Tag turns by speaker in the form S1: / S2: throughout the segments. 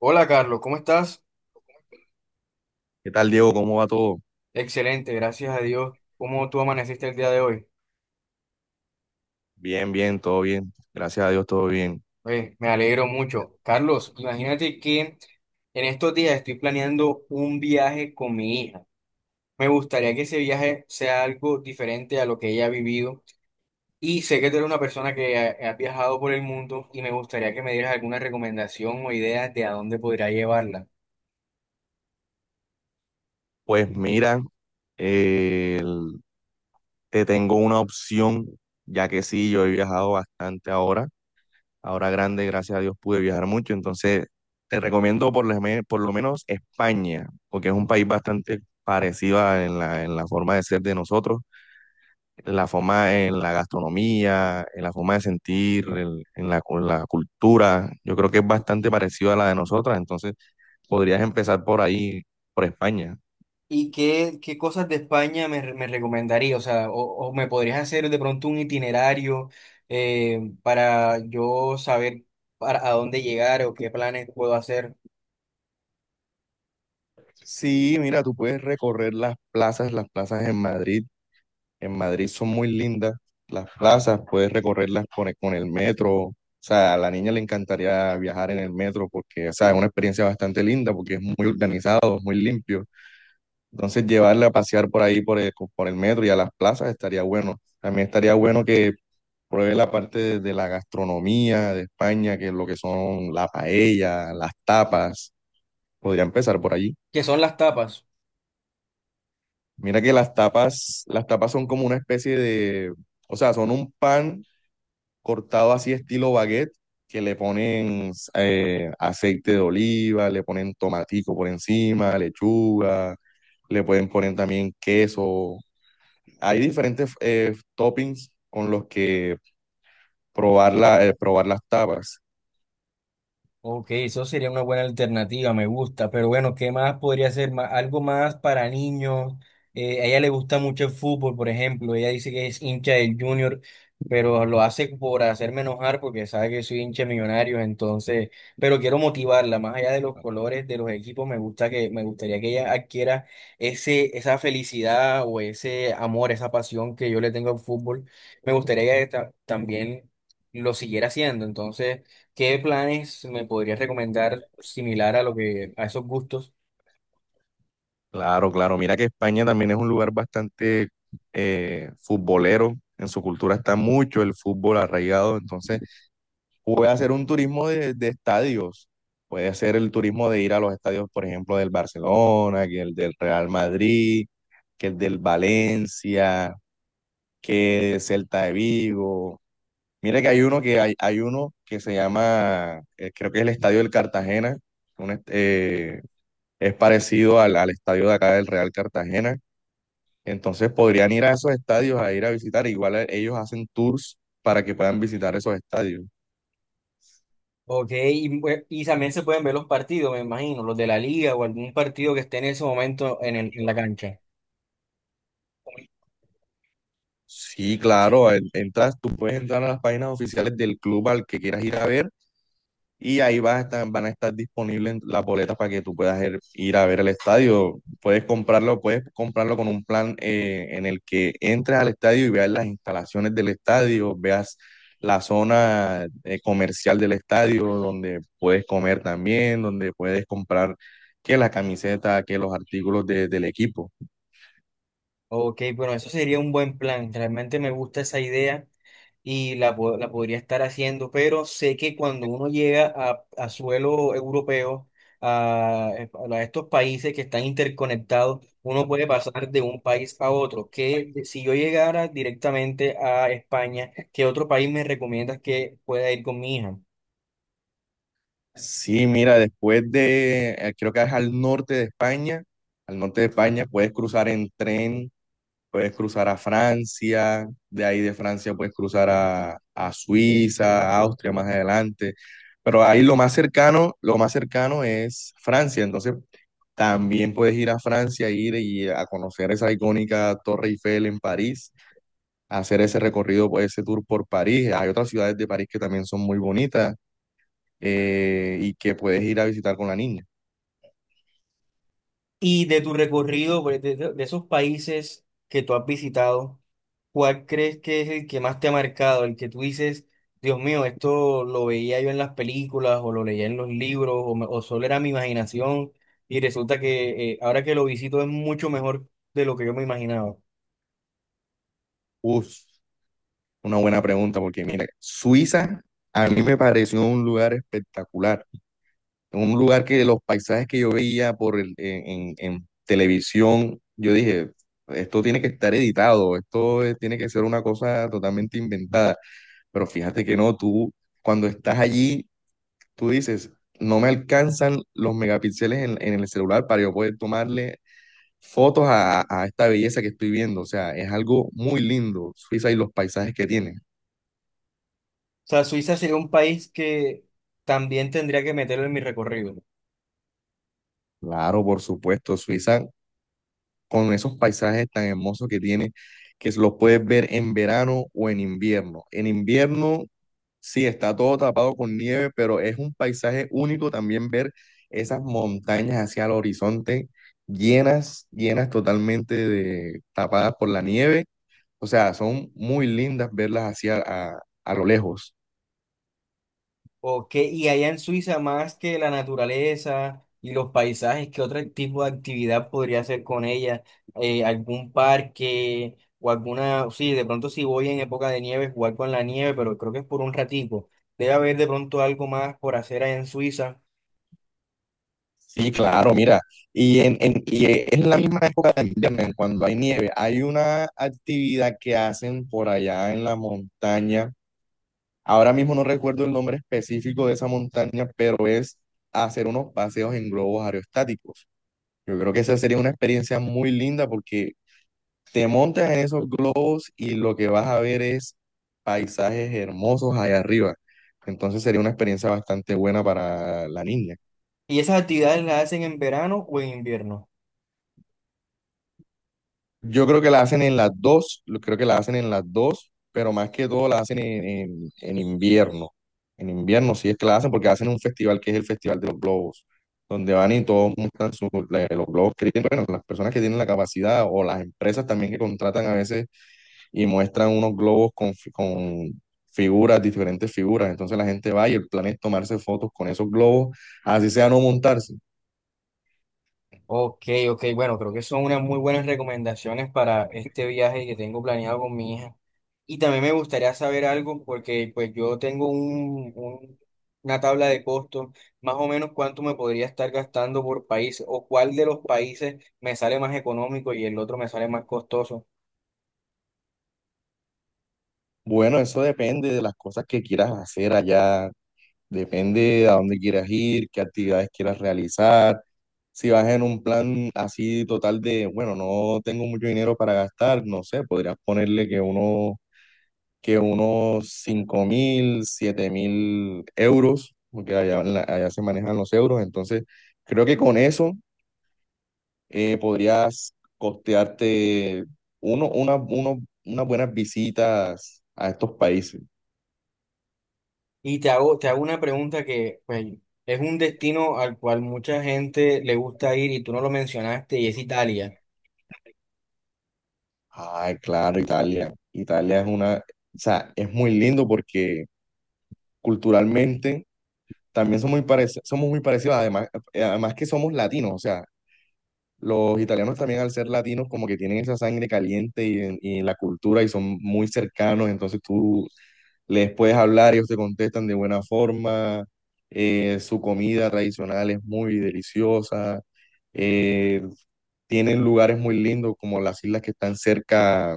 S1: Hola Carlos, ¿cómo estás?
S2: ¿Qué tal, Diego? ¿Cómo va todo?
S1: Excelente, gracias a Dios. ¿Cómo tú amaneciste el día de hoy?
S2: Bien, bien, todo bien. Gracias a Dios, todo bien.
S1: Oye, me alegro mucho. Carlos, imagínate que en estos días estoy planeando un viaje con mi hija. Me gustaría que ese viaje sea algo diferente a lo que ella ha vivido. Y sé que tú eres una persona que ha viajado por el mundo y me gustaría que me dieras alguna recomendación o ideas de a dónde podría llevarla.
S2: Pues mira, eh, el- te tengo una opción, ya que sí, yo he viajado bastante ahora. Ahora grande, gracias a Dios, pude viajar mucho. Entonces, te recomiendo por lo menos España, porque es un país bastante parecido en la forma de ser de nosotros. La forma en la gastronomía, en la forma de sentir, la cultura. Yo creo que es bastante parecido a la de nosotras, entonces podrías empezar por ahí, por España.
S1: ¿Y qué cosas de España me, me recomendaría? O sea, o me podrías hacer de pronto un itinerario para yo saber para, a dónde llegar o qué planes puedo hacer.
S2: Sí, mira, tú puedes recorrer las plazas en Madrid. En Madrid son muy lindas las plazas, puedes recorrerlas con el metro. O sea, a la niña le encantaría viajar en el metro porque, o sea, es una experiencia bastante linda porque es muy organizado, es muy limpio. Entonces llevarla a pasear por ahí, por el metro y a las plazas estaría bueno. También estaría bueno que pruebe la parte de la gastronomía de España, que es lo que son la paella, las tapas. Podría empezar por allí.
S1: ¿Qué son las tapas?
S2: Mira que las tapas son como una especie de, o sea, son un pan cortado así estilo baguette, que le ponen aceite de oliva, le ponen tomatico por encima, lechuga, le pueden poner también queso. Hay diferentes toppings con los que probar, probar las tapas.
S1: Ok, eso sería una buena alternativa, me gusta, pero bueno, ¿qué más podría ser? Algo más para niños. A ella le gusta mucho el fútbol, por ejemplo, ella dice que es hincha del Junior, pero lo hace por hacerme enojar porque sabe que soy hincha de Millonarios, entonces, pero quiero motivarla, más allá de los colores de los equipos, me gusta que, me gustaría que ella adquiera ese, esa felicidad o ese amor, esa pasión que yo le tengo al fútbol. Me gustaría que ella también lo siguiera haciendo, entonces. ¿Qué planes me podrías recomendar similar a lo que a esos gustos?
S2: Claro, claro. Mira que España también es un lugar bastante futbolero. En su cultura está mucho el fútbol arraigado. Entonces, puede hacer un turismo de estadios. Puede hacer el turismo de ir a los estadios, por ejemplo, del Barcelona, que el del Real Madrid, que el del Valencia, que el Celta de Vigo. Mire que hay uno hay uno que se llama, creo que es el Estadio del Cartagena. un est- eh, es parecido al estadio de acá del Real Cartagena. Entonces podrían ir a esos estadios a ir a visitar. Igual ellos hacen tours para que puedan visitar esos estadios.
S1: Ok, y, y también se pueden ver los partidos, me imagino, los de la liga o algún partido que esté en ese momento en, en la cancha.
S2: Sí, claro, entras, tú puedes entrar a las páginas oficiales del club al que quieras ir a ver y ahí van a estar disponibles las boletas para que tú puedas ir, ir a ver el estadio. Puedes comprarlo con un plan en el que entres al estadio y veas las instalaciones del estadio, veas la zona comercial del estadio donde puedes comer también, donde puedes comprar que la camiseta, que los artículos del equipo.
S1: Ok, bueno, eso sería un buen plan. Realmente me gusta esa idea. Y la, la podría estar haciendo, pero sé que cuando uno llega a suelo europeo, a estos países que están interconectados, uno puede pasar de un país a otro. Que si yo llegara directamente a España, ¿qué otro país me recomiendas que pueda ir con mi hija?
S2: Sí, mira, después de, creo que es al norte de España, al norte de España puedes cruzar en tren, puedes cruzar a Francia, de ahí de Francia puedes cruzar a Suiza, a Austria más adelante, pero ahí lo más cercano es Francia, entonces también puedes ir a Francia, ir y a conocer esa icónica Torre Eiffel en París, hacer ese recorrido, pues, ese tour por París, hay otras ciudades de París que también son muy bonitas y que puedes ir a visitar con la niña.
S1: Y de tu recorrido, pues, de, de esos países que tú has visitado, ¿cuál crees que es el que más te ha marcado? El que tú dices, Dios mío, esto lo veía yo en las películas o lo leía en los libros o, o solo era mi imaginación y resulta que ahora que lo visito es mucho mejor de lo que yo me imaginaba. O
S2: Uf, una buena pregunta, porque mira, Suiza a mí me pareció un lugar espectacular, un lugar que los paisajes que yo veía por el, en televisión, yo dije, esto tiene que estar editado, esto tiene que ser una cosa totalmente inventada, pero fíjate que no, tú cuando estás allí, tú dices, no me alcanzan los megapíxeles en el celular para yo poder tomarle fotos a esta belleza que estoy viendo. O sea, es algo muy lindo, Suiza y los paisajes que tiene.
S1: sea, Suiza sería un país que también tendría que meterlo en mi recorrido.
S2: Claro, por supuesto, Suiza con esos paisajes tan hermosos que tiene, que los puedes ver en verano o en invierno. En invierno, sí, está todo tapado con nieve, pero es un paisaje único también ver esas montañas hacia el horizonte llenas, llenas totalmente de tapadas por la nieve. O sea, son muy lindas verlas hacia a lo lejos.
S1: Ok, y allá en Suiza, más que la naturaleza y los paisajes, ¿qué otro tipo de actividad podría hacer con ella? ¿Algún parque o alguna, sí, de pronto si voy en época de nieve, jugar con la nieve, pero creo que es por un ratico. Debe haber de pronto algo más por hacer allá en Suiza.
S2: Sí, claro, mira, y es la misma época de invierno, en cuando hay nieve, hay una actividad que hacen por allá en la montaña, ahora mismo no recuerdo el nombre específico de esa montaña, pero es hacer unos paseos en globos aerostáticos. Yo creo que esa sería una experiencia muy linda porque te montas en esos globos y lo que vas a ver es paisajes hermosos allá arriba. Entonces sería una experiencia bastante buena para la niña.
S1: ¿Y esas actividades las hacen en verano o en invierno?
S2: Yo creo que la hacen en las dos, creo que la hacen en las dos, pero más que todo la hacen en invierno. En invierno sí es que la hacen porque hacen un festival que es el Festival de los Globos, donde van y todos muestran los globos que tienen, bueno, las personas que tienen la capacidad o las empresas también que contratan a veces y muestran unos globos con figuras, diferentes figuras. Entonces la gente va y el plan es tomarse fotos con esos globos, así sea no montarse.
S1: Ok, ok, bueno, creo que son unas muy buenas recomendaciones para este viaje que tengo planeado con mi hija. Y también me gustaría saber algo porque pues yo tengo un, una tabla de costos, más o menos cuánto me podría estar gastando por país o cuál de los países me sale más económico y el otro me sale más costoso.
S2: Bueno, eso depende de las cosas que quieras hacer allá. Depende a dónde quieras ir, qué actividades quieras realizar. Si vas en un plan así total de, bueno, no tengo mucho dinero para gastar, no sé, podrías ponerle que unos 5.000, 7.000 euros, porque allá, allá se manejan los euros. Entonces, creo que con eso podrías costearte uno, una, uno- unas buenas visitas a estos países.
S1: Y te hago una pregunta que pues, es un destino al cual mucha gente le gusta ir y tú no lo mencionaste y es Italia,
S2: Ay, claro, Italia. Italia es una, o sea, es muy lindo porque culturalmente también somos muy parecidos, además, además que somos latinos, o sea, los italianos también al ser latinos como que tienen esa sangre caliente y la cultura y son muy cercanos, entonces tú les puedes hablar, ellos te contestan de buena forma, su comida tradicional es muy deliciosa, eh, tienen lugares muy lindos como las islas que están cerca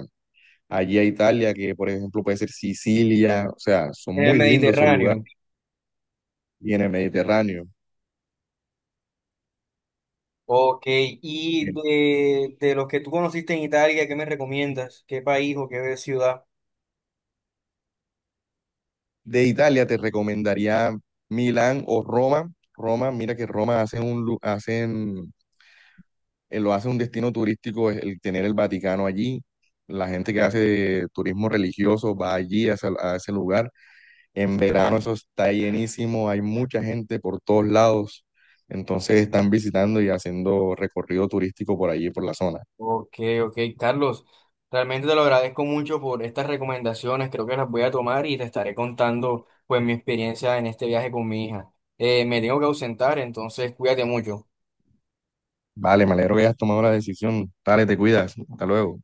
S2: allí a Italia, que por ejemplo puede ser Sicilia, o sea, son
S1: en el
S2: muy lindos esos lugares,
S1: Mediterráneo.
S2: y en el Mediterráneo.
S1: Ok, y
S2: Eh,
S1: de los que tú conociste en Italia, ¿qué me recomiendas? ¿Qué país o qué ciudad?
S2: De Italia te recomendaría Milán o Roma. Roma, mira que Roma hace un, hacen, lo hace un destino turístico el tener el Vaticano allí. La gente que hace turismo religioso va allí a ese lugar. En verano eso está llenísimo, hay mucha gente por todos lados. Entonces están visitando y haciendo recorrido turístico por allí, por la zona.
S1: Ok, ok, Carlos, realmente te lo agradezco mucho por estas recomendaciones, creo que las voy a tomar y te estaré contando pues mi experiencia en este viaje con mi hija. Me tengo que ausentar, entonces cuídate mucho.
S2: Vale, me alegro que hayas tomado la decisión. Dale, te cuidas. Hasta luego.